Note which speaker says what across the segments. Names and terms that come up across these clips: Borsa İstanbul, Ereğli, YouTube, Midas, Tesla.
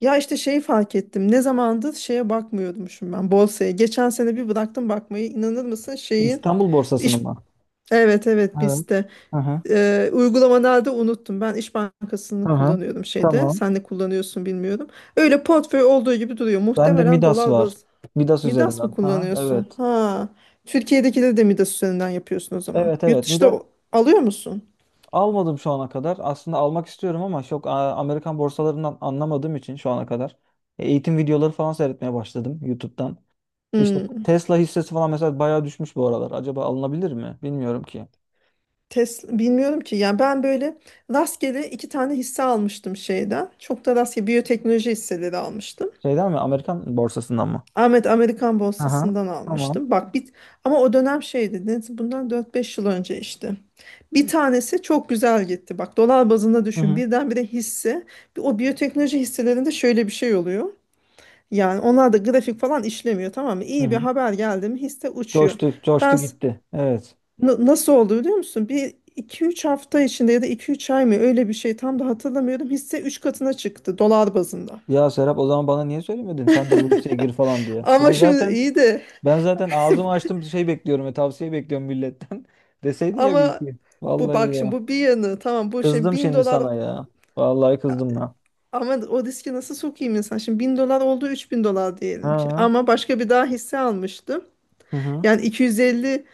Speaker 1: Ya işte şeyi fark ettim. Ne zamandır şeye bakmıyormuşum ben borsaya. Geçen sene bir bıraktım bakmayı. İnanır mısın şeyin.
Speaker 2: İstanbul borsasını
Speaker 1: iş
Speaker 2: mı?
Speaker 1: Evet, evet,
Speaker 2: Evet.
Speaker 1: biz de.
Speaker 2: Hı hı.
Speaker 1: Uygulamalarda unuttum. Ben İş Bankası'nı
Speaker 2: Hı hı.
Speaker 1: kullanıyordum şeyde.
Speaker 2: Tamam.
Speaker 1: Sen ne kullanıyorsun bilmiyorum. Öyle portföy olduğu gibi duruyor.
Speaker 2: Ben de
Speaker 1: Muhtemelen
Speaker 2: Midas
Speaker 1: dolar
Speaker 2: var.
Speaker 1: baz.
Speaker 2: Midas
Speaker 1: Midas mı
Speaker 2: üzerinden. Hı hı.
Speaker 1: kullanıyorsun?
Speaker 2: Evet.
Speaker 1: Ha. Türkiye'dekileri de Midas üzerinden yapıyorsun o zaman.
Speaker 2: Evet,
Speaker 1: Yurt
Speaker 2: evet.
Speaker 1: dışında
Speaker 2: Midas
Speaker 1: alıyor musun?
Speaker 2: almadım şu ana kadar. Aslında almak istiyorum ama çok Amerikan borsalarından anlamadığım için şu ana kadar. Eğitim videoları falan seyretmeye başladım YouTube'dan. İşte
Speaker 1: Hmm.
Speaker 2: Tesla hissesi falan mesela bayağı düşmüş bu aralar. Acaba alınabilir mi? Bilmiyorum ki.
Speaker 1: Tesla bilmiyorum ki, yani ben böyle rastgele iki tane hisse almıştım şeyden. Çok da rastgele biyoteknoloji hisseleri almıştım.
Speaker 2: Şeyden mi? Amerikan borsasından mı?
Speaker 1: Ahmet Amerikan
Speaker 2: Aha,
Speaker 1: borsasından
Speaker 2: tamam.
Speaker 1: almıştım. Bak ama o dönem şeydi. Bundan dört beş yıl önce işte. Bir tanesi çok güzel gitti. Bak dolar bazında
Speaker 2: Hı
Speaker 1: düşün.
Speaker 2: hı.
Speaker 1: Birdenbire hisse. O biyoteknoloji hisselerinde şöyle bir şey oluyor. Yani onlar da grafik falan işlemiyor, tamam mı?
Speaker 2: Hı
Speaker 1: İyi bir
Speaker 2: hı.
Speaker 1: haber geldi mi hisse uçuyor.
Speaker 2: Coştu, coştu
Speaker 1: Ben
Speaker 2: gitti. Evet.
Speaker 1: Nasıl oldu biliyor musun? Bir iki üç hafta içinde ya da iki üç ay mı, öyle bir şey tam da hatırlamıyorum. Hisse 3 katına çıktı dolar bazında.
Speaker 2: Ya Serap, o zaman bana niye söylemedin? Sen de bu liseye gir falan diye.
Speaker 1: Ama
Speaker 2: Ben
Speaker 1: şimdi
Speaker 2: zaten
Speaker 1: iyi de
Speaker 2: ben zaten ağzımı açtım, şey bekliyorum ve tavsiye bekliyorum milletten. Deseydin ya bir
Speaker 1: ama
Speaker 2: iki.
Speaker 1: bu
Speaker 2: Vallahi
Speaker 1: bak şimdi
Speaker 2: ya.
Speaker 1: bu bir yanı tamam bu şey
Speaker 2: Kızdım
Speaker 1: 1000
Speaker 2: şimdi
Speaker 1: dolar,
Speaker 2: sana ya. Vallahi
Speaker 1: ya,
Speaker 2: kızdım ya.
Speaker 1: ama o riski nasıl sokayım insan? Şimdi 1000 dolar oldu 3000 dolar diyelim ki.
Speaker 2: Ha.
Speaker 1: Ama başka bir daha hisse almıştım.
Speaker 2: Hı hı.
Speaker 1: Yani 250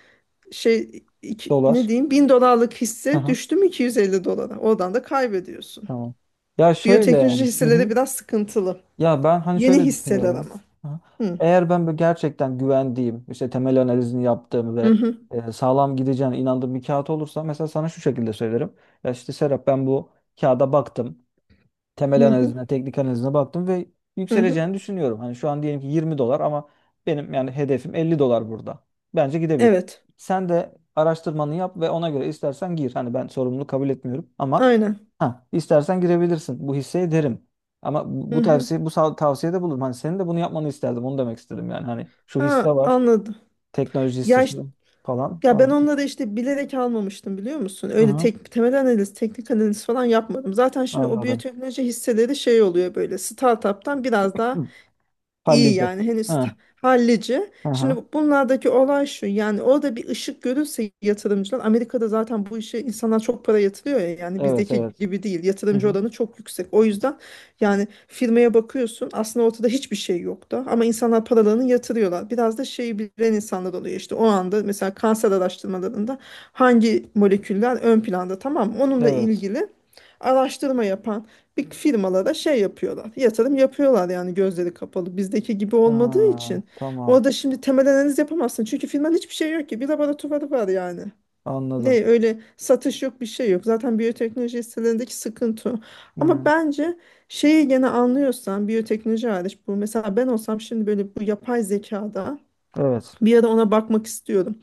Speaker 1: ne
Speaker 2: Dolar.
Speaker 1: diyeyim 1000 dolarlık
Speaker 2: Hı
Speaker 1: hisse
Speaker 2: hı.
Speaker 1: düştü mü 250 dolara. Oradan da kaybediyorsun.
Speaker 2: Tamam. Ya şöyle
Speaker 1: Biyoteknoloji
Speaker 2: yani. Hı hı.
Speaker 1: hisseleri biraz sıkıntılı.
Speaker 2: Ya ben hani
Speaker 1: Yeni
Speaker 2: şöyle
Speaker 1: hisseler
Speaker 2: düşünüyorum.
Speaker 1: ama.
Speaker 2: Hı.
Speaker 1: Hı.
Speaker 2: Eğer ben böyle gerçekten güvendiğim, işte temel analizini yaptığım
Speaker 1: Hı
Speaker 2: ve
Speaker 1: hı.
Speaker 2: sağlam gideceğine inandığım bir kağıt olursa mesela, sana şu şekilde söylerim. Ya işte Serap, ben bu kağıda baktım, temel
Speaker 1: Hı hı.
Speaker 2: analizine, teknik analizine baktım ve
Speaker 1: Hı hı.
Speaker 2: yükseleceğini düşünüyorum. Hani şu an diyelim ki 20 dolar ama benim yani hedefim 50 dolar burada. Bence gidebilir.
Speaker 1: Evet.
Speaker 2: Sen de araştırmanı yap ve ona göre istersen gir. Hani ben sorumluluğu kabul etmiyorum ama
Speaker 1: Aynen.
Speaker 2: ha, istersen girebilirsin. Bu hisseye derim. Ama bu
Speaker 1: Hı
Speaker 2: bu
Speaker 1: hı.
Speaker 2: tavsiye bu sav- tavsiyede bulurum. Hani senin de bunu yapmanı isterdim. Onu demek istedim yani. Hani şu hisse
Speaker 1: Ha,
Speaker 2: var,
Speaker 1: anladım.
Speaker 2: teknoloji
Speaker 1: Ya
Speaker 2: hissesi
Speaker 1: iş-
Speaker 2: falan.
Speaker 1: ya ben
Speaker 2: falan.
Speaker 1: onları işte bilerek almamıştım, biliyor musun?
Speaker 2: Hı
Speaker 1: Öyle
Speaker 2: hı,
Speaker 1: tek temel analiz, teknik analiz falan yapmadım. Zaten şimdi o
Speaker 2: anladım.
Speaker 1: biyoteknoloji hisseleri şey oluyor böyle startup'tan biraz daha
Speaker 2: Hı,
Speaker 1: İyi
Speaker 2: hallice.
Speaker 1: yani henüz
Speaker 2: Ha,
Speaker 1: hallici.
Speaker 2: hı
Speaker 1: Şimdi
Speaker 2: hı.
Speaker 1: bunlardaki olay şu, yani orada bir ışık görürse yatırımcılar Amerika'da zaten bu işe insanlar çok para yatırıyor ya, yani
Speaker 2: Evet,
Speaker 1: bizdeki
Speaker 2: evet.
Speaker 1: gibi değil,
Speaker 2: Hı
Speaker 1: yatırımcı
Speaker 2: hı.
Speaker 1: oranı çok yüksek. O yüzden yani firmaya bakıyorsun aslında ortada hiçbir şey yoktu ama insanlar paralarını yatırıyorlar. Biraz da şeyi bilen insanlar oluyor işte, o anda mesela kanser araştırmalarında hangi moleküller ön planda, tamam mı? Onunla
Speaker 2: Evet.
Speaker 1: ilgili araştırma yapan bir firmalara şey yapıyorlar. Yatırım yapıyorlar yani gözleri kapalı. Bizdeki gibi olmadığı
Speaker 2: Aa,
Speaker 1: için.
Speaker 2: tamam.
Speaker 1: Orada şimdi temel analiz yapamazsın. Çünkü firmanın hiçbir şey yok ki. Bir laboratuvarı var yani.
Speaker 2: Anladım.
Speaker 1: Ne öyle satış yok bir şey yok. Zaten biyoteknoloji hisselerindeki sıkıntı o. Ama
Speaker 2: Hmm,
Speaker 1: bence şeyi gene anlıyorsan biyoteknoloji hariç bu. Mesela ben olsam şimdi böyle bu yapay zekada
Speaker 2: evet.
Speaker 1: bir ara ona bakmak istiyorum,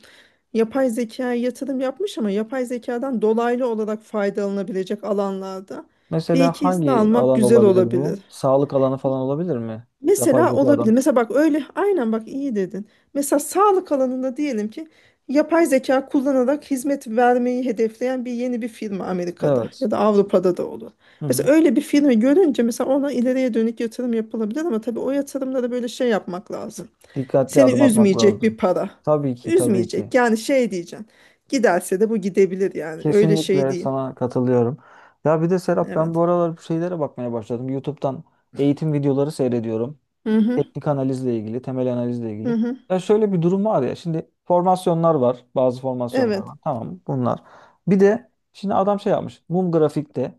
Speaker 1: yapay zekaya yatırım yapmış ama yapay zekadan dolaylı olarak faydalanabilecek alanlarda bir
Speaker 2: Mesela
Speaker 1: iki hisse
Speaker 2: hangi
Speaker 1: almak
Speaker 2: alan
Speaker 1: güzel
Speaker 2: olabilir
Speaker 1: olabilir.
Speaker 2: bu? Sağlık alanı falan olabilir mi? Yapay
Speaker 1: Mesela olabilir.
Speaker 2: zekadan.
Speaker 1: Mesela bak öyle, aynen bak iyi dedin. Mesela sağlık alanında diyelim ki yapay zeka kullanarak hizmet vermeyi hedefleyen bir yeni bir firma Amerika'da
Speaker 2: Evet.
Speaker 1: ya da Avrupa'da da olur.
Speaker 2: Hı hı.
Speaker 1: Mesela öyle bir firma görünce mesela ona ileriye dönük yatırım yapılabilir ama tabii o yatırımda da böyle şey yapmak lazım.
Speaker 2: Dikkatli
Speaker 1: Seni
Speaker 2: adım atmak
Speaker 1: üzmeyecek
Speaker 2: lazım.
Speaker 1: bir para.
Speaker 2: Tabii ki, tabii ki.
Speaker 1: Üzmeyecek. Yani şey diyeceksin. Giderse de bu gidebilir yani. Öyle şey
Speaker 2: Kesinlikle
Speaker 1: değil.
Speaker 2: sana katılıyorum. Ya bir de Serap, ben
Speaker 1: Evet.
Speaker 2: bu aralar bu şeylere bakmaya başladım. YouTube'dan eğitim videoları seyrediyorum.
Speaker 1: Hı hı.
Speaker 2: Teknik analizle ilgili, temel analizle
Speaker 1: Hı
Speaker 2: ilgili.
Speaker 1: hı.
Speaker 2: Ya şöyle bir durum var ya. Şimdi formasyonlar var. Bazı formasyonlar
Speaker 1: Evet.
Speaker 2: var. Tamam, bunlar. Bir de şimdi adam şey yapmış. Mum grafikte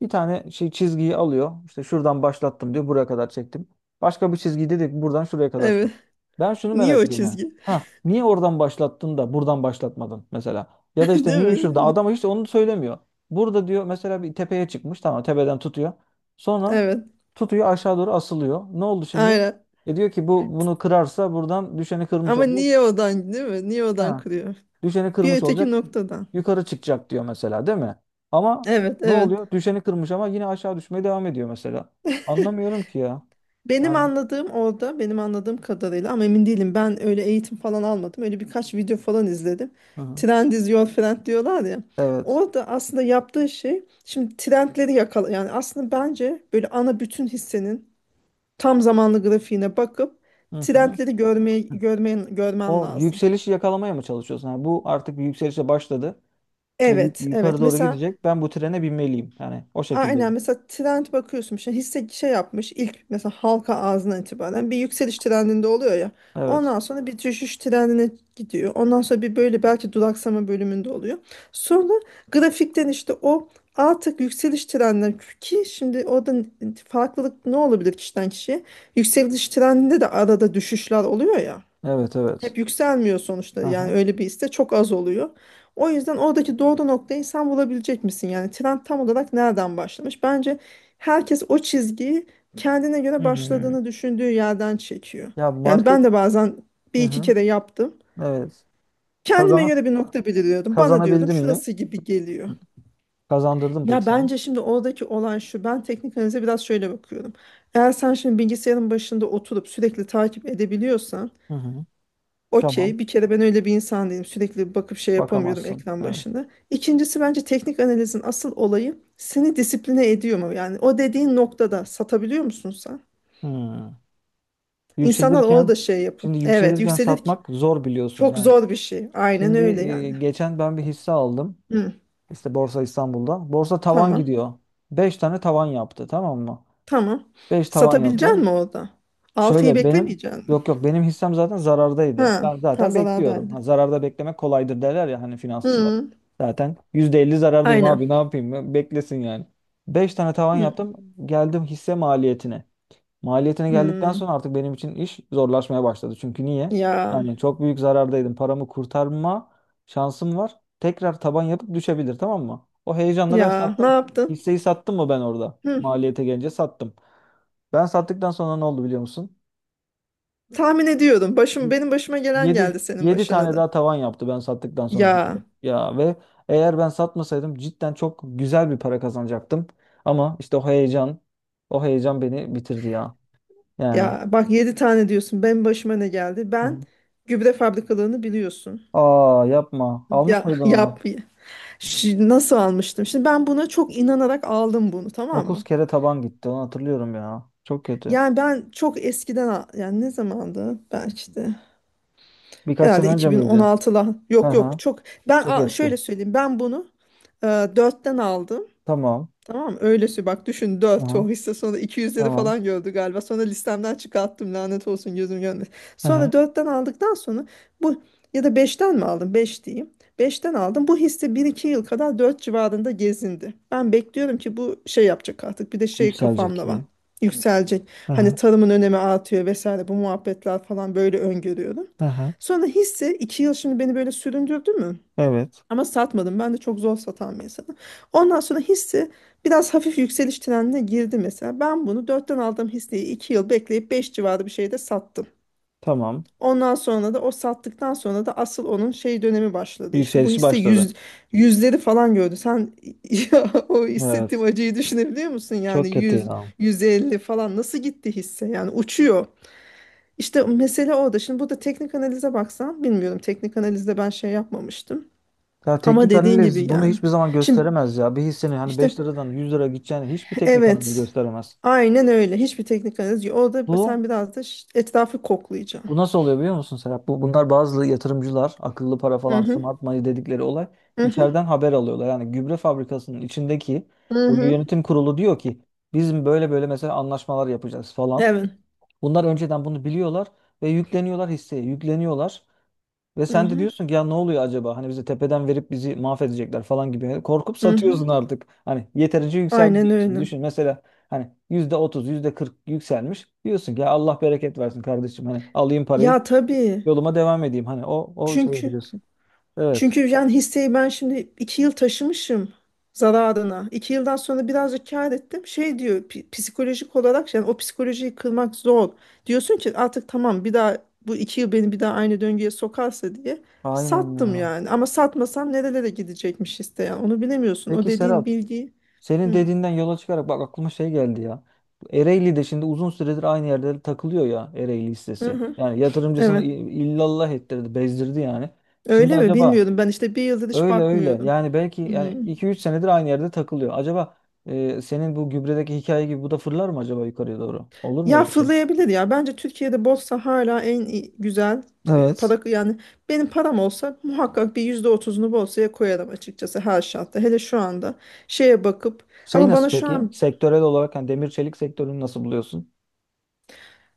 Speaker 2: bir tane şey çizgiyi alıyor. İşte şuradan başlattım diyor. Buraya kadar çektim. Başka bir çizgi, dedik ki buradan şuraya kadar çektim.
Speaker 1: Evet.
Speaker 2: Ben şunu
Speaker 1: Niye
Speaker 2: merak
Speaker 1: o
Speaker 2: ediyorum. Ha,
Speaker 1: çizgi?
Speaker 2: ha, niye oradan başlattın da buradan başlatmadın mesela? Ya da işte
Speaker 1: Değil
Speaker 2: niye şurada?
Speaker 1: mi?
Speaker 2: Adam hiç onu söylemiyor. Burada diyor mesela, bir tepeye çıkmış. Tamam, tepeden tutuyor. Sonra
Speaker 1: Evet.
Speaker 2: tutuyor, aşağı doğru asılıyor. Ne oldu şimdi?
Speaker 1: Aynen.
Speaker 2: E diyor ki bu, bunu kırarsa buradan düşeni kırmış
Speaker 1: Ama
Speaker 2: olacak.
Speaker 1: niye odan değil mi? Niye odan
Speaker 2: Ha,
Speaker 1: kırıyor?
Speaker 2: düşeni
Speaker 1: Bir
Speaker 2: kırmış
Speaker 1: öteki
Speaker 2: olacak,
Speaker 1: noktadan.
Speaker 2: yukarı çıkacak diyor mesela, değil mi? Ama
Speaker 1: Evet,
Speaker 2: ne
Speaker 1: evet.
Speaker 2: oluyor? Düşeni kırmış ama yine aşağı düşmeye devam ediyor mesela. Anlamıyorum ki ya.
Speaker 1: Benim
Speaker 2: Yani
Speaker 1: anladığım orada, benim anladığım kadarıyla ama emin değilim, ben öyle eğitim falan almadım. Öyle birkaç video falan izledim.
Speaker 2: hı hı.
Speaker 1: Trend is your friend diyorlar ya.
Speaker 2: Evet.
Speaker 1: Orada aslında yaptığı şey şimdi trendleri yakala, yani aslında bence böyle ana bütün hissenin tam zamanlı grafiğine bakıp
Speaker 2: Hı hı.
Speaker 1: trendleri görmeye görmen görmen
Speaker 2: O
Speaker 1: lazım.
Speaker 2: yükselişi yakalamaya mı çalışıyorsun? Yani bu artık bir yükselişe başladı ve
Speaker 1: Evet,
Speaker 2: yukarı
Speaker 1: evet.
Speaker 2: doğru
Speaker 1: Mesela
Speaker 2: gidecek. Ben bu trene binmeliyim. Yani o şekilde.
Speaker 1: aynen mesela trend bakıyorsun işte hisse şey yapmış ilk mesela halka ağzına itibaren bir yükseliş trendinde oluyor ya,
Speaker 2: Evet.
Speaker 1: ondan sonra bir düşüş trendine gidiyor, ondan sonra bir böyle belki duraksama bölümünde oluyor, sonra grafikten işte o artık yükseliş trendine, ki şimdi orada farklılık ne olabilir kişiden kişiye, yükseliş trendinde de arada düşüşler oluyor ya,
Speaker 2: Evet, evet.
Speaker 1: hep yükselmiyor sonuçta
Speaker 2: Hı
Speaker 1: yani
Speaker 2: hı.
Speaker 1: öyle bir iste çok az oluyor. O yüzden oradaki doğru noktayı sen bulabilecek misin? Yani trend tam olarak nereden başlamış? Bence herkes o çizgiyi kendine göre
Speaker 2: Hmm.
Speaker 1: başladığını düşündüğü yerden çekiyor.
Speaker 2: Ya
Speaker 1: Yani ben
Speaker 2: market,
Speaker 1: de bazen bir
Speaker 2: hı
Speaker 1: iki
Speaker 2: hı.
Speaker 1: kere yaptım.
Speaker 2: Evet.
Speaker 1: Kendime
Speaker 2: Kazana
Speaker 1: göre bir nokta belirliyordum. Bana diyordum
Speaker 2: kazanabildin mi?
Speaker 1: şurası gibi geliyor.
Speaker 2: Kazandırdım peki
Speaker 1: Ya
Speaker 2: sana.
Speaker 1: bence şimdi oradaki olan şu. Ben teknik analize biraz şöyle bakıyorum. Eğer sen şimdi bilgisayarın başında oturup sürekli takip edebiliyorsan
Speaker 2: Hı hı. Tamam.
Speaker 1: okey, bir kere ben öyle bir insan değilim. Sürekli bakıp şey yapamıyorum
Speaker 2: Bakamazsın.
Speaker 1: ekran
Speaker 2: Evet.
Speaker 1: başında. İkincisi, bence teknik analizin asıl olayı seni disipline ediyor mu? Yani o dediğin noktada satabiliyor musun sen?
Speaker 2: Hı.
Speaker 1: İnsanlar orada
Speaker 2: Yükselirken,
Speaker 1: şey yapın.
Speaker 2: şimdi
Speaker 1: Evet,
Speaker 2: yükselirken
Speaker 1: yükselir ki.
Speaker 2: satmak zor, biliyorsun
Speaker 1: Çok
Speaker 2: yani.
Speaker 1: zor bir şey. Aynen
Speaker 2: Şimdi
Speaker 1: öyle yani.
Speaker 2: geçen ben bir hisse aldım.
Speaker 1: Hı,
Speaker 2: İşte Borsa İstanbul'da. Borsa tavan
Speaker 1: tamam.
Speaker 2: gidiyor. 5 tane tavan yaptı, tamam mı?
Speaker 1: Tamam.
Speaker 2: 5 tavan
Speaker 1: Satabilecek
Speaker 2: yaptı.
Speaker 1: misin orada? Altıyı
Speaker 2: Şöyle benim,
Speaker 1: beklemeyecek misin?
Speaker 2: yok yok, benim hissem zaten zarardaydı.
Speaker 1: Ha,
Speaker 2: Ben
Speaker 1: ha
Speaker 2: zaten bekliyorum. Ha,
Speaker 1: zarardaydı.
Speaker 2: zararda beklemek kolaydır derler ya hani, finansçılar.
Speaker 1: Hı,
Speaker 2: Zaten %50 zarardayım
Speaker 1: aynen.
Speaker 2: abi, ne yapayım? Beklesin yani. 5 tane tavan
Speaker 1: Hı,
Speaker 2: yaptım. Geldim hisse maliyetine. Maliyetine geldikten
Speaker 1: hı.
Speaker 2: sonra artık benim için iş zorlaşmaya başladı. Çünkü niye?
Speaker 1: Ya,
Speaker 2: Yani çok büyük zarardaydım. Paramı kurtarma şansım var. Tekrar taban yapıp düşebilir, tamam mı? O heyecanla ben
Speaker 1: ya ne
Speaker 2: sattım.
Speaker 1: yaptın?
Speaker 2: Hisseyi sattım mı ben orada?
Speaker 1: Hı.
Speaker 2: Maliyete gelince sattım. Ben sattıktan sonra ne oldu biliyor musun?
Speaker 1: Tahmin ediyorum. Başım benim başıma gelen
Speaker 2: Yedi
Speaker 1: geldi senin
Speaker 2: yedi
Speaker 1: başına
Speaker 2: tane
Speaker 1: da.
Speaker 2: daha tavan yaptı ben sattıktan sonra hisse.
Speaker 1: Ya
Speaker 2: Ya ve eğer ben satmasaydım, cidden çok güzel bir para kazanacaktım. Ama işte o heyecan, o heyecan beni bitirdi ya. Yani.
Speaker 1: ya bak 7 tane diyorsun. Benim başıma ne geldi? Ben
Speaker 2: Hı.
Speaker 1: gübre fabrikalarını biliyorsun.
Speaker 2: Aa, yapma. Almış
Speaker 1: Ya
Speaker 2: mıydın
Speaker 1: yap.
Speaker 2: onu?
Speaker 1: Nasıl almıştım? Şimdi ben buna çok inanarak aldım bunu, tamam
Speaker 2: 9
Speaker 1: mı?
Speaker 2: kere taban gitti. Onu hatırlıyorum ya. Çok kötü.
Speaker 1: Yani ben çok eskiden yani ne zamandı? Belki de
Speaker 2: Birkaç sene
Speaker 1: herhalde
Speaker 2: önce miydi?
Speaker 1: 2016'la.
Speaker 2: Hı
Speaker 1: Yok
Speaker 2: hı.
Speaker 1: yok çok. Ben
Speaker 2: Çok eski.
Speaker 1: şöyle söyleyeyim. Ben bunu e, 4'ten aldım.
Speaker 2: Tamam.
Speaker 1: Tamam, öylesi bak düşün
Speaker 2: Hı
Speaker 1: dört
Speaker 2: hı.
Speaker 1: o hisse sonra iki yüzleri
Speaker 2: Tamam.
Speaker 1: falan gördü galiba. Sonra listemden çıkarttım, lanet olsun, gözüm görmedi.
Speaker 2: Hı hı.
Speaker 1: Sonra dörtten aldıktan sonra bu, ya da beşten mi aldım, 5 diyeyim. Beşten aldım bu hisse bir iki yıl kadar 4 civarında gezindi. Ben bekliyorum ki bu şey yapacak artık, bir de şey
Speaker 2: Yükselecek
Speaker 1: kafamda var,
Speaker 2: gibi.
Speaker 1: yükselecek.
Speaker 2: Hı
Speaker 1: Hani
Speaker 2: hı.
Speaker 1: tarımın önemi artıyor vesaire bu muhabbetler falan böyle öngörüyorum.
Speaker 2: Hı hı.
Speaker 1: Sonra hisse 2 yıl şimdi beni böyle süründürdü mü?
Speaker 2: Evet.
Speaker 1: Ama satmadım. Ben de çok zor satan bir insanım. Ondan sonra hisse biraz hafif yükseliş trendine girdi mesela. Ben bunu dörtten aldığım hisseyi 2 yıl bekleyip 5 civarı bir şeyde sattım.
Speaker 2: Tamam.
Speaker 1: Ondan sonra da o sattıktan sonra da asıl onun şey dönemi başladı. İşte bu
Speaker 2: Yükselişi
Speaker 1: hisse
Speaker 2: başladı.
Speaker 1: yüz, yüzleri falan gördü. Sen ya, o
Speaker 2: Evet.
Speaker 1: hissettiğim acıyı düşünebiliyor musun? Yani
Speaker 2: Çok kötü
Speaker 1: 100
Speaker 2: ya.
Speaker 1: 150 falan nasıl gitti hisse? Yani uçuyor. İşte mesele orada. Şimdi burada teknik analize baksan bilmiyorum. Teknik analizde ben şey yapmamıştım.
Speaker 2: Ya
Speaker 1: Ama
Speaker 2: teknik
Speaker 1: dediğin gibi
Speaker 2: analiz bunu
Speaker 1: yani.
Speaker 2: hiçbir zaman
Speaker 1: Şimdi
Speaker 2: gösteremez ya. Bir hisseni hani
Speaker 1: işte
Speaker 2: 5 liradan 100 lira gideceğini hiçbir teknik analiz
Speaker 1: evet.
Speaker 2: gösteremez.
Speaker 1: Aynen öyle. Hiçbir teknik analiz yok. O da
Speaker 2: Bu
Speaker 1: sen biraz da etrafı koklayacaksın.
Speaker 2: Bu nasıl oluyor biliyor musun Serap? Bunlar bazı yatırımcılar, akıllı para
Speaker 1: Hı
Speaker 2: falan,
Speaker 1: hı.
Speaker 2: smart money dedikleri olay,
Speaker 1: Hı hı.
Speaker 2: içeriden haber alıyorlar. Yani gübre fabrikasının içindeki
Speaker 1: Hı
Speaker 2: o
Speaker 1: hı.
Speaker 2: yönetim kurulu diyor ki bizim böyle böyle, mesela, anlaşmalar yapacağız falan.
Speaker 1: Evet.
Speaker 2: Bunlar önceden bunu biliyorlar ve yükleniyorlar hisseye, yükleniyorlar. Ve
Speaker 1: Hı
Speaker 2: sen de
Speaker 1: hı.
Speaker 2: diyorsun ki ya, ne oluyor acaba? Hani bize tepeden verip bizi mahvedecekler falan gibi. Hani korkup
Speaker 1: Hı hı.
Speaker 2: satıyorsun artık. Hani yeterince yükseldi
Speaker 1: Aynen
Speaker 2: diyorsun.
Speaker 1: öyle.
Speaker 2: Düşün mesela, hani %30 yüzde kırk yükselmiş. Diyorsun ki ya, Allah bereket versin kardeşim. Hani alayım parayı,
Speaker 1: Ya tabii.
Speaker 2: yoluma devam edeyim. Hani o şeyi
Speaker 1: Çünkü
Speaker 2: biliyorsun. Evet.
Speaker 1: Çünkü yani hisseyi ben şimdi 2 yıl taşımışım zararına. 2 yıldan sonra birazcık kâr ettim. Şey diyor psikolojik olarak, yani o psikolojiyi kırmak zor. Diyorsun ki artık tamam, bir daha bu 2 yıl beni bir daha aynı döngüye sokarsa diye
Speaker 2: Aynen
Speaker 1: sattım
Speaker 2: ya.
Speaker 1: yani. Ama satmasam nerelere gidecekmiş hisse yani, onu bilemiyorsun. O
Speaker 2: Peki
Speaker 1: dediğin
Speaker 2: Serap,
Speaker 1: bilgiyi.
Speaker 2: senin
Speaker 1: Hı.
Speaker 2: dediğinden yola çıkarak bak, aklıma şey geldi ya. Bu Ereğli'de şimdi uzun süredir aynı yerde takılıyor ya, Ereğli
Speaker 1: Hı
Speaker 2: hissesi.
Speaker 1: hı.
Speaker 2: Yani yatırımcısını
Speaker 1: Evet.
Speaker 2: illallah ettirdi, bezdirdi yani. Şimdi
Speaker 1: Öyle mi?
Speaker 2: acaba,
Speaker 1: Bilmiyorum. Ben işte 1 yıldır hiç
Speaker 2: öyle öyle
Speaker 1: bakmıyorum.
Speaker 2: yani belki,
Speaker 1: Hı.
Speaker 2: yani iki üç senedir aynı yerde takılıyor. Acaba senin bu gübredeki hikaye gibi bu da fırlar mı acaba yukarıya doğru? Olur mu
Speaker 1: Ya
Speaker 2: öyle bir şey?
Speaker 1: fırlayabilir ya. Bence Türkiye'de borsa hala en güzel
Speaker 2: Evet.
Speaker 1: para, yani benim param olsa muhakkak bir %30'unu borsaya koyarım açıkçası her şartta. Hele şu anda şeye bakıp
Speaker 2: Şey
Speaker 1: ama
Speaker 2: nasıl
Speaker 1: bana şu
Speaker 2: peki?
Speaker 1: an,
Speaker 2: Sektörel olarak hani demir çelik sektörünü nasıl buluyorsun?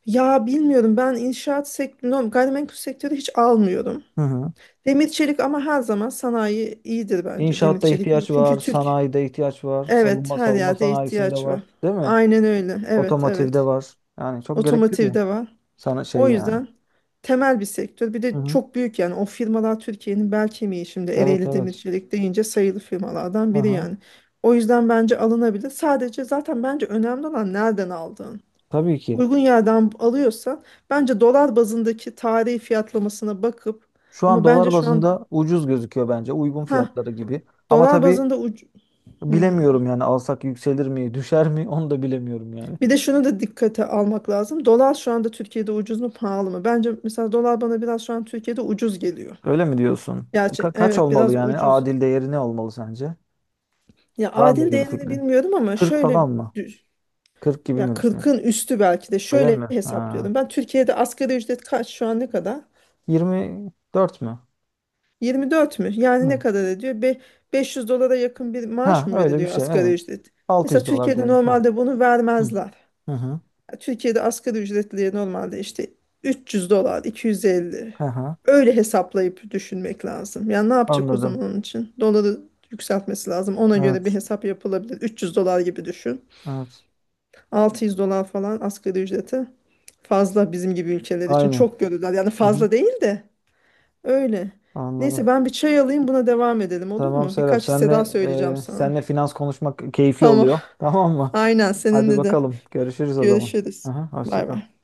Speaker 1: ya bilmiyorum, ben inşaat sektörü, gayrimenkul sektörü hiç almıyorum.
Speaker 2: Hı hı.
Speaker 1: Demir çelik ama, her zaman sanayi iyidir bence. Demir
Speaker 2: İnşaatta
Speaker 1: çelik iyi.
Speaker 2: ihtiyaç var,
Speaker 1: Çünkü Türk,
Speaker 2: sanayide ihtiyaç var,
Speaker 1: evet,
Speaker 2: savunma
Speaker 1: her
Speaker 2: savunma
Speaker 1: yerde
Speaker 2: sanayisinde
Speaker 1: ihtiyaç
Speaker 2: var,
Speaker 1: var.
Speaker 2: değil mi?
Speaker 1: Aynen öyle. Evet,
Speaker 2: Otomotivde
Speaker 1: evet.
Speaker 2: var. Yani çok gerekli bir,
Speaker 1: Otomotivde var.
Speaker 2: sana şey
Speaker 1: O
Speaker 2: yani.
Speaker 1: yüzden temel bir sektör. Bir de
Speaker 2: Hı hı.
Speaker 1: çok büyük, yani o firmalar Türkiye'nin bel kemiği, şimdi
Speaker 2: Evet,
Speaker 1: Ereğli
Speaker 2: evet.
Speaker 1: Demircilik deyince sayılı firmalardan biri
Speaker 2: Aha.
Speaker 1: yani. O yüzden bence alınabilir. Sadece zaten bence önemli olan nereden aldığın.
Speaker 2: Tabii ki.
Speaker 1: Uygun yerden alıyorsan bence dolar bazındaki tarihi fiyatlamasına bakıp
Speaker 2: Şu an
Speaker 1: ama bence
Speaker 2: dolar
Speaker 1: şu an,
Speaker 2: bazında ucuz gözüküyor bence. Uygun
Speaker 1: ha,
Speaker 2: fiyatları gibi. Ama
Speaker 1: dolar
Speaker 2: tabii
Speaker 1: bazında Hmm.
Speaker 2: bilemiyorum yani, alsak yükselir mi, düşer mi, onu da bilemiyorum yani.
Speaker 1: Bir de şunu da dikkate almak lazım. Dolar şu anda Türkiye'de ucuz mu pahalı mı? Bence mesela dolar bana biraz şu an Türkiye'de ucuz geliyor.
Speaker 2: Öyle mi diyorsun?
Speaker 1: Gerçi
Speaker 2: Kaç
Speaker 1: evet
Speaker 2: olmalı
Speaker 1: biraz
Speaker 2: yani?
Speaker 1: ucuz,
Speaker 2: Adil değeri ne olmalı sence?
Speaker 1: ya
Speaker 2: Var mı
Speaker 1: adil
Speaker 2: öyle bir
Speaker 1: değerini
Speaker 2: fikrin?
Speaker 1: bilmiyorum ama
Speaker 2: 40
Speaker 1: şöyle
Speaker 2: falan mı?
Speaker 1: dü-
Speaker 2: 40 gibi
Speaker 1: ya
Speaker 2: mi düşünüyorsun?
Speaker 1: 40'ın üstü belki de
Speaker 2: Öyle
Speaker 1: şöyle
Speaker 2: mi? Ha.
Speaker 1: hesaplıyordum. Ben Türkiye'de asgari ücret kaç şu an, ne kadar?
Speaker 2: 24 mü?
Speaker 1: 24 mü? Yani
Speaker 2: Hı.
Speaker 1: ne kadar ediyor? 500 dolara yakın bir maaş
Speaker 2: Ha,
Speaker 1: mı
Speaker 2: öyle bir
Speaker 1: veriliyor
Speaker 2: şey,
Speaker 1: asgari
Speaker 2: evet.
Speaker 1: ücret?
Speaker 2: altı
Speaker 1: Mesela
Speaker 2: yüz dolar
Speaker 1: Türkiye'de
Speaker 2: diyelim.
Speaker 1: normalde bunu
Speaker 2: Hı.
Speaker 1: vermezler.
Speaker 2: Hı hı.
Speaker 1: Ya Türkiye'de asgari ücretliye normalde işte 300 dolar, 250.
Speaker 2: Hı hı.
Speaker 1: Öyle hesaplayıp düşünmek lazım. Yani ne yapacak o
Speaker 2: Anladım.
Speaker 1: zaman onun için? Doları yükseltmesi lazım. Ona göre bir
Speaker 2: Evet.
Speaker 1: hesap yapılabilir. 300 dolar gibi düşün.
Speaker 2: Evet.
Speaker 1: 600 dolar falan asgari ücreti. Fazla bizim gibi ülkeler için.
Speaker 2: Aynen.
Speaker 1: Çok görürler. Yani
Speaker 2: Hı hı.
Speaker 1: fazla değil de, öyle.
Speaker 2: Anladım.
Speaker 1: Neyse ben bir çay alayım, buna devam edelim, olur
Speaker 2: Tamam
Speaker 1: mu?
Speaker 2: Serap.
Speaker 1: Birkaç hisse
Speaker 2: Senle
Speaker 1: daha söyleyeceğim
Speaker 2: e,
Speaker 1: sana.
Speaker 2: senle finans konuşmak keyifli
Speaker 1: Tamam.
Speaker 2: oluyor. Tamam mı?
Speaker 1: Aynen
Speaker 2: Hadi
Speaker 1: seninle de.
Speaker 2: bakalım. Görüşürüz o zaman.
Speaker 1: Görüşürüz.
Speaker 2: Hı hı. Hoşça
Speaker 1: Bay
Speaker 2: kal.
Speaker 1: bay.